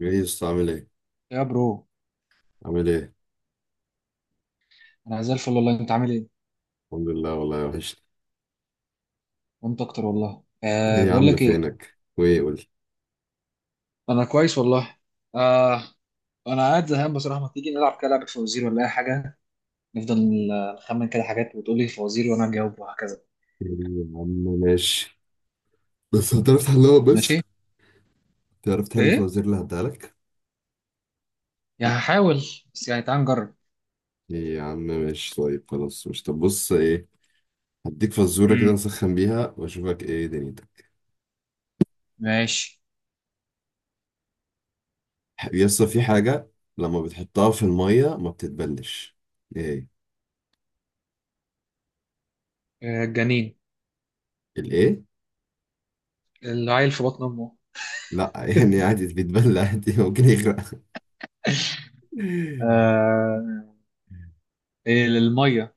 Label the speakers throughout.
Speaker 1: جايز عامل ايه؟
Speaker 2: يا برو.
Speaker 1: عامل ايه؟
Speaker 2: انا زي الفل والله. انت عامل ايه؟
Speaker 1: الحمد لله والله وحشني.
Speaker 2: وانت اكتر والله.
Speaker 1: ايه
Speaker 2: أه،
Speaker 1: يا
Speaker 2: بقول
Speaker 1: عم
Speaker 2: لك ايه.
Speaker 1: فينك؟ وايه قول لي؟
Speaker 2: انا كويس والله. أه. انا قاعد زهقان بصراحه. ما تيجي نلعب كده لعبه فوازير ولا اي حاجه؟ نفضل نخمن كده حاجات وتقول لي فوازير وانا اجاوب وهكذا.
Speaker 1: ايه يا عم، ماشي. بس هتعرف تحلها بس؟
Speaker 2: ماشي.
Speaker 1: تعرف تحل
Speaker 2: ايه،
Speaker 1: الفوازير اللي هديها لك؟
Speaker 2: يعني هحاول. بس يعني تعال نجرب.
Speaker 1: ايه يا عم، ماشي طيب خلاص، مش طب بص ايه. هديك فزورة كده
Speaker 2: امم
Speaker 1: نسخن بيها واشوفك ايه دنيتك.
Speaker 2: ماشي.
Speaker 1: يسطا، في حاجة لما بتحطها في المية ما بتتبلش. ايه؟
Speaker 2: أه، الجنين.
Speaker 1: الايه؟
Speaker 2: العيل في بطن امه.
Speaker 1: لا يعني عادي بيتبل عادي، ممكن يغرق.
Speaker 2: أه. إيه الميه؟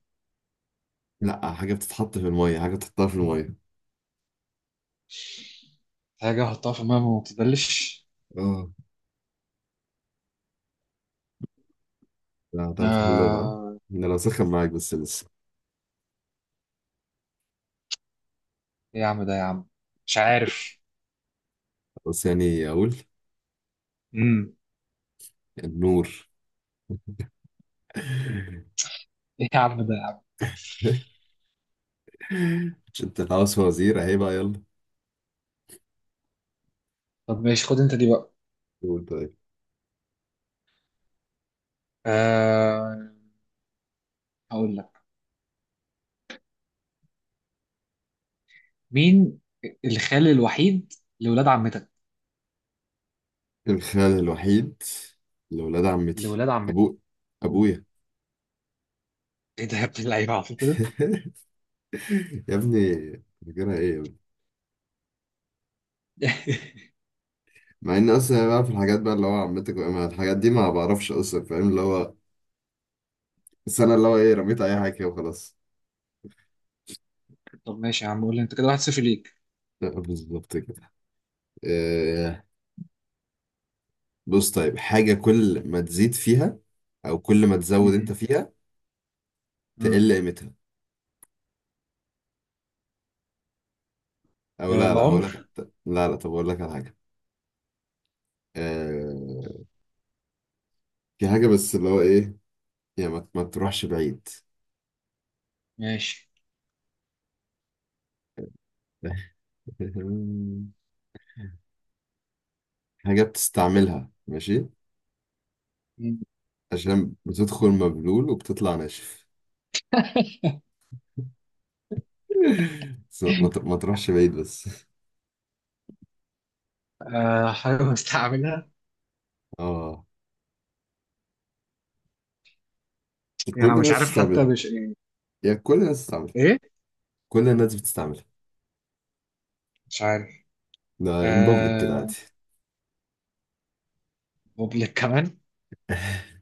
Speaker 1: لا، حاجة بتتحط في المية، حاجة بتحطها في المية.
Speaker 2: حاجه احطها في الميه ما بتتبلش.
Speaker 1: اه. لا هتعرف تحلهم، ها؟
Speaker 2: أه.
Speaker 1: انا لو سخن معاك بس لسه.
Speaker 2: ايه يا عم ده يا عم. مش عارف.
Speaker 1: بس يعني اقول،
Speaker 2: امم.
Speaker 1: النور.
Speaker 2: ايه يا عم ده يا عم.
Speaker 1: مش انت عاوز وزير، اهي بقى، يلا.
Speaker 2: طب ماشي، خد انت دي بقى.
Speaker 1: قول طيب.
Speaker 2: آه، هقول لك. مين؟ الخال الوحيد لولاد عمتك.
Speaker 1: الخال الوحيد لولاد عمتي،
Speaker 2: لولاد عمتك.
Speaker 1: ابو،
Speaker 2: مم.
Speaker 1: ابويا.
Speaker 2: ايه ده يا ابن اللعيبه، عارف كده.
Speaker 1: يا ابني، فاكرها ايه يا ابني؟ مع ان اصلا بقى في الحاجات بقى اللي هو عمتك مع الحاجات دي ما بعرفش اصلا، فاهم اللي هو. بس انا اللي هو ايه، رميت اي حاجه كده وخلاص.
Speaker 2: طب ماشي يا عم، قول لي انت، كده 1-0 ليك.
Speaker 1: لا، بالظبط كده. آه، بص طيب، حاجه كل ما تزيد فيها او كل ما تزود انت
Speaker 2: مم.
Speaker 1: فيها،
Speaker 2: مم.
Speaker 1: تقل قيمتها. او
Speaker 2: آه،
Speaker 1: لا لا هقول لك.
Speaker 2: العمر.
Speaker 1: لا لا طب اقول لك على حاجه. آه... في حاجه بس اللي هو ايه، يعني ما تروحش بعيد.
Speaker 2: ماشي.
Speaker 1: حاجه بتستعملها، ماشي،
Speaker 2: مم.
Speaker 1: عشان بتدخل مبلول وبتطلع ناشف. بس ما تروحش بعيد بس.
Speaker 2: آه، حاجه مستعملها.
Speaker 1: اه، كل
Speaker 2: يعني انا مش
Speaker 1: الناس
Speaker 2: عارف حتى،
Speaker 1: بتستعملها،
Speaker 2: مش يعني.
Speaker 1: يعني كل الناس بتستعملها،
Speaker 2: ايه،
Speaker 1: كل الناس بتستعملها.
Speaker 2: مش عارف.
Speaker 1: ده ان بابليك كده عادي.
Speaker 2: آه، بوبليك كمان.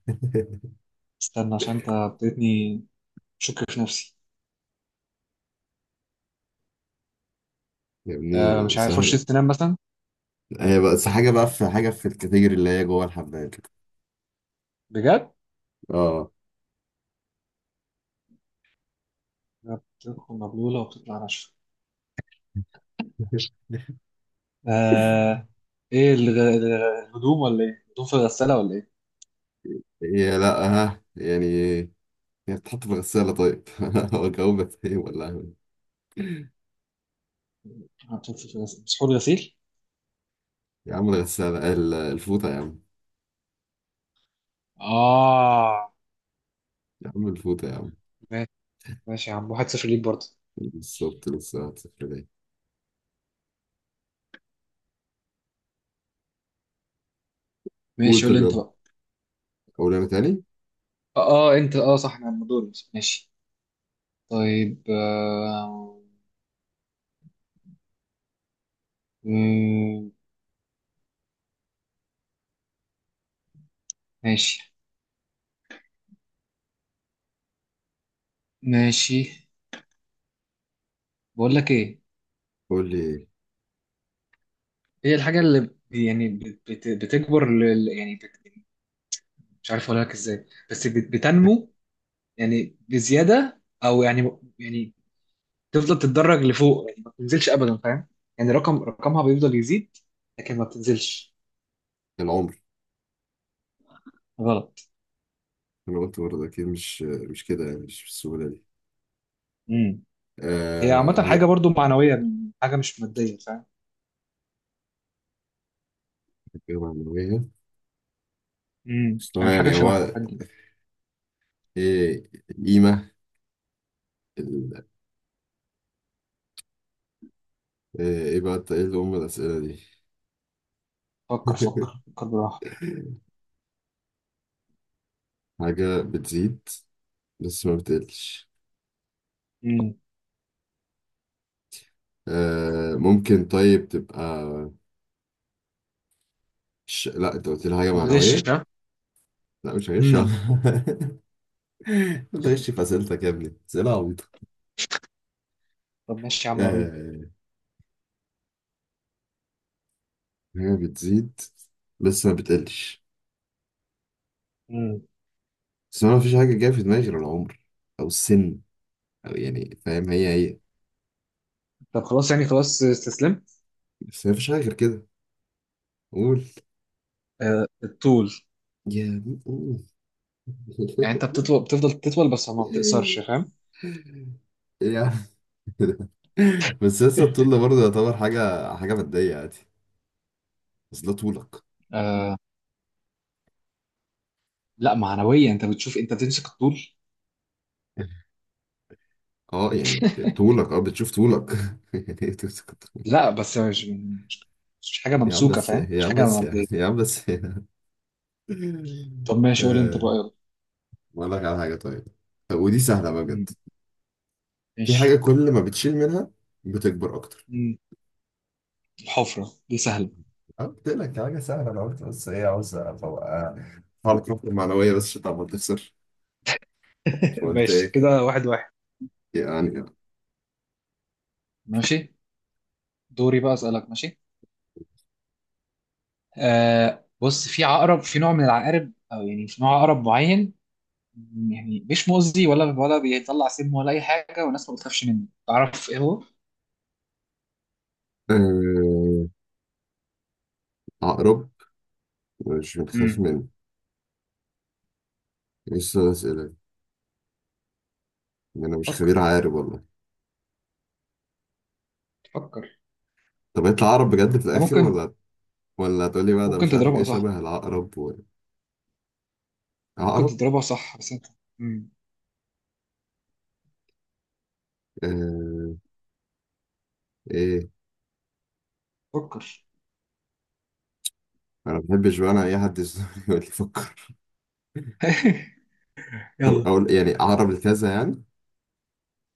Speaker 2: استنى عشان انت ابتديتني شك في نفسي.
Speaker 1: يا
Speaker 2: آه،
Speaker 1: ابني
Speaker 2: مش عارف. فرشه
Speaker 1: سهله.
Speaker 2: سنان مثلا.
Speaker 1: هي بقى بس حاجه بقى، في حاجه في الكاتيجوري اللي هي جوه الحمام كده.
Speaker 2: بجد.
Speaker 1: اه.
Speaker 2: بتدخل مبلولة وبتطلع ناشفة. آه. ايه الهدوم ولا ايه؟ هدوم في الغسالة ولا ايه؟
Speaker 1: هي لا. ها، يعني هي بتتحط في الغسالة طيب. جاوبت ايه ولا أهبل؟
Speaker 2: هدوم في الغسالة مسحور غسيل؟
Speaker 1: يا عم الغسالة الفوطة يا عم.
Speaker 2: اه.
Speaker 1: يا عم الفوطة يا عم.
Speaker 2: ماشي. ماشي يا عم، 1-0 ليك برضه.
Speaker 1: بالظبط، لسه هتصفر دي. قول
Speaker 2: ماشي، قول
Speaker 1: طب
Speaker 2: لي انت
Speaker 1: يلا.
Speaker 2: بقى.
Speaker 1: قول أنا تاني.
Speaker 2: اه. آه، انت صح، انا عم دوري. ماشي. طيب. مم، ماشي ماشي. بقول لك ايه.
Speaker 1: قول لي.
Speaker 2: هي الحاجة اللي بتكبر، مش عارف اقول لك ازاي، بس بتنمو يعني بزيادة، او يعني، يعني تفضل تتدرج لفوق، يعني ما بتنزلش ابدا، فاهم؟ يعني رقمها بيفضل يزيد، لكن ما بتنزلش.
Speaker 1: العمر.
Speaker 2: غلط.
Speaker 1: أنا قلت برضه أكيد مش كده، يعني مش بالسهولة دي.
Speaker 2: امم.
Speaker 1: آه
Speaker 2: هي عامة حاجة
Speaker 1: رجعت.
Speaker 2: برضو معنوية. حاجة مش مادية، فاهم؟
Speaker 1: التجربة المعنوية. بس هو
Speaker 2: يعني حاجة
Speaker 1: يعني
Speaker 2: شبه
Speaker 1: هو،
Speaker 2: حاجة.
Speaker 1: إيه القيمة، ال- إيه، إيه بقى، إيه اللي أم الأسئلة دي.
Speaker 2: فكر فكر فكر براحة.
Speaker 1: حاجة بتزيد بس ما بتقلش.
Speaker 2: امم.
Speaker 1: آه، ممكن طيب تبقى. لا انت قلت لي حاجة
Speaker 2: ما بتغشش
Speaker 1: معنوية.
Speaker 2: ها.
Speaker 1: لا مش هغش.
Speaker 2: امم
Speaker 1: انت غش في اسئلتك يا ابني، اسئلة عبيطة.
Speaker 2: طب ماشي يا عم، وريني.
Speaker 1: آه، هي بتزيد بس ما بتقلش.
Speaker 2: امم.
Speaker 1: بس انا مفيش حاجة جاية في دماغي غير العمر، او السن، او يعني فاهم، هي هي.
Speaker 2: طب خلاص، يعني خلاص، استسلمت.
Speaker 1: بس مفيش حاجة غير كده. قول.
Speaker 2: آه، الطول.
Speaker 1: يا ابني، قول.
Speaker 2: يعني انت بتطول، بتفضل تطول، بس ما بتقصرش، فاهم؟
Speaker 1: إيه يا عم ده؟ بس لسه الطول ده برضه يعتبر حاجة مادية عادي. بس ده طولك.
Speaker 2: آه. لا، معنوية. انت بتشوف، انت بتمسك الطول.
Speaker 1: اه يعني طولك، اه بتشوف طولك. يعني إيه بتمسك الطول؟
Speaker 2: لا، بس مش حاجه
Speaker 1: يا عم
Speaker 2: ممسوكه،
Speaker 1: بس،
Speaker 2: فاهم؟
Speaker 1: يا
Speaker 2: مش
Speaker 1: عم
Speaker 2: حاجه
Speaker 1: بس،
Speaker 2: مبدئيه.
Speaker 1: يا عم بس.
Speaker 2: طب ماشي، قول انت
Speaker 1: آه،
Speaker 2: بقى يلا.
Speaker 1: اقول لك على حاجه طيب. طب ودي سهله بقى
Speaker 2: مم.
Speaker 1: بجد. في حاجه
Speaker 2: ماشي.
Speaker 1: كل ما بتشيل منها بتكبر اكتر.
Speaker 2: مم. الحفره دي سهله.
Speaker 1: أنا قلت لك حاجه سهله، انا قلت بس ايه عاوز ابقى حاول الطاقه المعنويه بس عشان تعمل تخسر. فقلت
Speaker 2: ماشي
Speaker 1: ايه
Speaker 2: كده، 1-1.
Speaker 1: يعني.
Speaker 2: ماشي، دوري بقى اسالك. ماشي. آه، بص، في عقرب، في نوع من العقارب، او يعني في نوع عقرب معين. يعني مش مؤذي ولا بيطلع سم ولا اي حاجه، والناس ما بتخافش منه. تعرف ايه هو؟
Speaker 1: آه، عقرب. مش بنخاف
Speaker 2: امم
Speaker 1: منه. لسه اسئله، انا مش
Speaker 2: فكر
Speaker 1: خبير عارف والله.
Speaker 2: فكر.
Speaker 1: طب يطلع عقرب بجد في
Speaker 2: ده
Speaker 1: الاخر،
Speaker 2: ممكن.
Speaker 1: ولا هتقولي بقى ده
Speaker 2: ممكن
Speaker 1: مش عارف ايه
Speaker 2: تضربها صح.
Speaker 1: شبه العقرب
Speaker 2: ممكن
Speaker 1: عقرب.
Speaker 2: تضربها صح بس انت. امم
Speaker 1: آه... ايه.
Speaker 2: فكر.
Speaker 1: انا ما بحبش بقى انا اي حد يزنقني يقول لي فكر. طب
Speaker 2: يلا.
Speaker 1: اقول يعني عقرب الكذا يعني.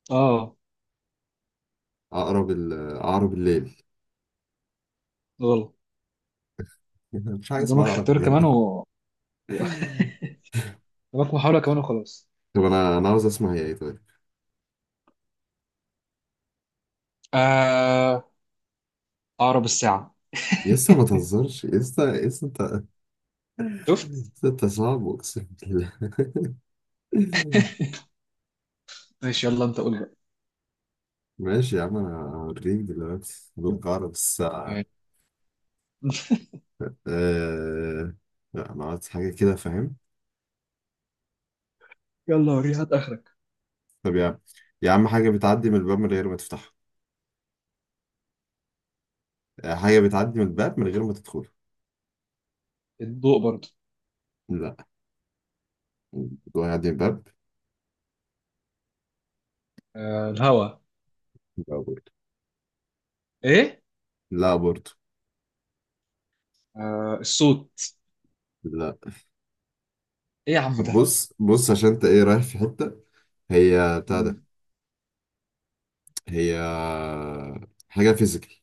Speaker 2: اه.
Speaker 1: عقرب عقرب الليل.
Speaker 2: غلط.
Speaker 1: مش حاجه
Speaker 2: قدامك
Speaker 1: اسمها عقرب
Speaker 2: اختيار
Speaker 1: الليل.
Speaker 2: كمان و- قدامك محاولة كمان وخلاص.
Speaker 1: طب انا عاوز اسمع هي ايه طيب.
Speaker 2: آه... عقرب الساعة.
Speaker 1: لسه ما تهزرش، لسه انت،
Speaker 2: شفت؟
Speaker 1: لسه انت صعب اقسم بالله.
Speaker 2: ماشي، يلا انت قول بقى.
Speaker 1: ماشي يا عم، انا هوريك دلوقتي بالعقرب الساعه.
Speaker 2: ماشي.
Speaker 1: آه... لا انا عايز حاجه كده، فاهم.
Speaker 2: يلا وريني، هات اخرك.
Speaker 1: طب يا عم، يا عم حاجة بتعدي من الباب من غير ما تفتحه، هي بتعدي من الباب من غير ما تدخل.
Speaker 2: الضوء برضه.
Speaker 1: لا. الموضوع يعدي من الباب.
Speaker 2: الهواء.
Speaker 1: لا برضه.
Speaker 2: ايه؟
Speaker 1: لا برضه.
Speaker 2: الصوت.
Speaker 1: لا
Speaker 2: ايه يا عم
Speaker 1: طب
Speaker 2: ده؟
Speaker 1: بص بص، عشان انت ايه رايح في حتة، هي بتاع ده.
Speaker 2: مم.
Speaker 1: هي حاجة فيزيكال.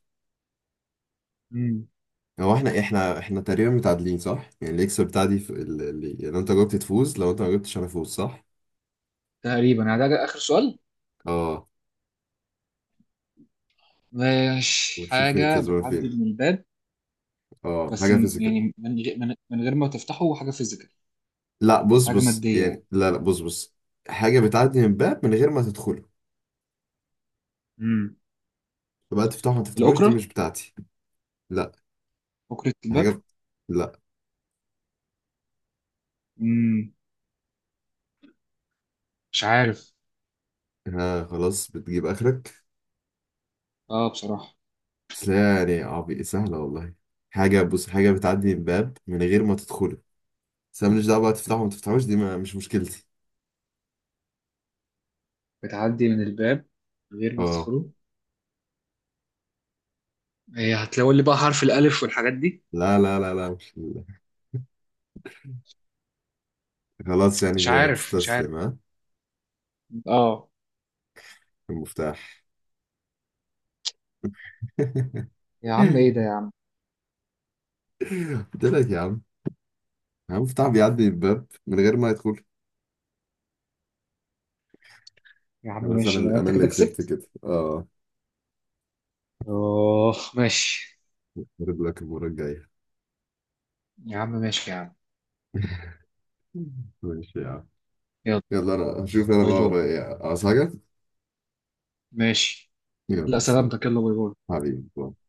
Speaker 2: مم.
Speaker 1: هو احنا تقريبا متعادلين صح؟ يعني اللي يكسب بتاعتي لو انت جاوبت تفوز، لو انت ما جاوبتش انا افوز، صح؟
Speaker 2: تقريبا، يعني ده اخر سؤال.
Speaker 1: اه،
Speaker 2: ماشي،
Speaker 1: ونشوف فين
Speaker 2: حاجة
Speaker 1: الكسبان
Speaker 2: بتعدي
Speaker 1: فين.
Speaker 2: من الباب.
Speaker 1: اه
Speaker 2: بس
Speaker 1: حاجة فيزيكال.
Speaker 2: من غير ما تفتحه، حاجة فيزيكال.
Speaker 1: لا بص
Speaker 2: حاجة
Speaker 1: بص
Speaker 2: مادية يعني.
Speaker 1: يعني، لا لا بص بص، حاجة بتعدي من باب من غير ما تدخله،
Speaker 2: مم.
Speaker 1: فبقى تفتحه ما تفتحوش دي
Speaker 2: الأوكرة.
Speaker 1: مش بتاعتي. لا.
Speaker 2: أوكرة الباب.
Speaker 1: حاجة. لا.
Speaker 2: مم. مش عارف.
Speaker 1: ها خلاص بتجيب آخرك.
Speaker 2: اه، بصراحة.
Speaker 1: بس لا يعني عبي سهلة والله. حاجة، بص حاجة بتعدي من باب من غير ما تدخله، بس أنا ماليش دعوة بقى تفتحه وما تفتحوش دي ما مش مشكلتي.
Speaker 2: بتعدي من الباب من غير ما
Speaker 1: اه.
Speaker 2: تدخله. هي هتلاقوا لي بقى حرف الألف والحاجات دي.
Speaker 1: لا لا لا لا، مش خلاص
Speaker 2: مش
Speaker 1: يعني
Speaker 2: عارف، مش عارف.
Speaker 1: بتستسلم، ها؟
Speaker 2: اه.
Speaker 1: المفتاح.
Speaker 2: يا عم، ايه ده يا عم.
Speaker 1: قلت لك يا عم، المفتاح بيعدي من الباب من غير ما يدخل.
Speaker 2: يا عم
Speaker 1: خلاص انا
Speaker 2: ماشي، لو
Speaker 1: اللي انا
Speaker 2: انت
Speaker 1: اللي
Speaker 2: كده
Speaker 1: كسبت
Speaker 2: كسبت.
Speaker 1: كده اه.
Speaker 2: اوه، ماشي.
Speaker 1: هرد لك المرة الجاية.
Speaker 2: يا عم ماشي يا عم.
Speaker 1: ماشي يا عم.
Speaker 2: يلا
Speaker 1: يلا انا هشوف انا
Speaker 2: باي
Speaker 1: بقى
Speaker 2: باي.
Speaker 1: ورايا ايه. عاوز حاجة؟
Speaker 2: ماشي. لا،
Speaker 1: يلا سلام.
Speaker 2: سلامتك، يلا باي باي.
Speaker 1: حبيبي باي.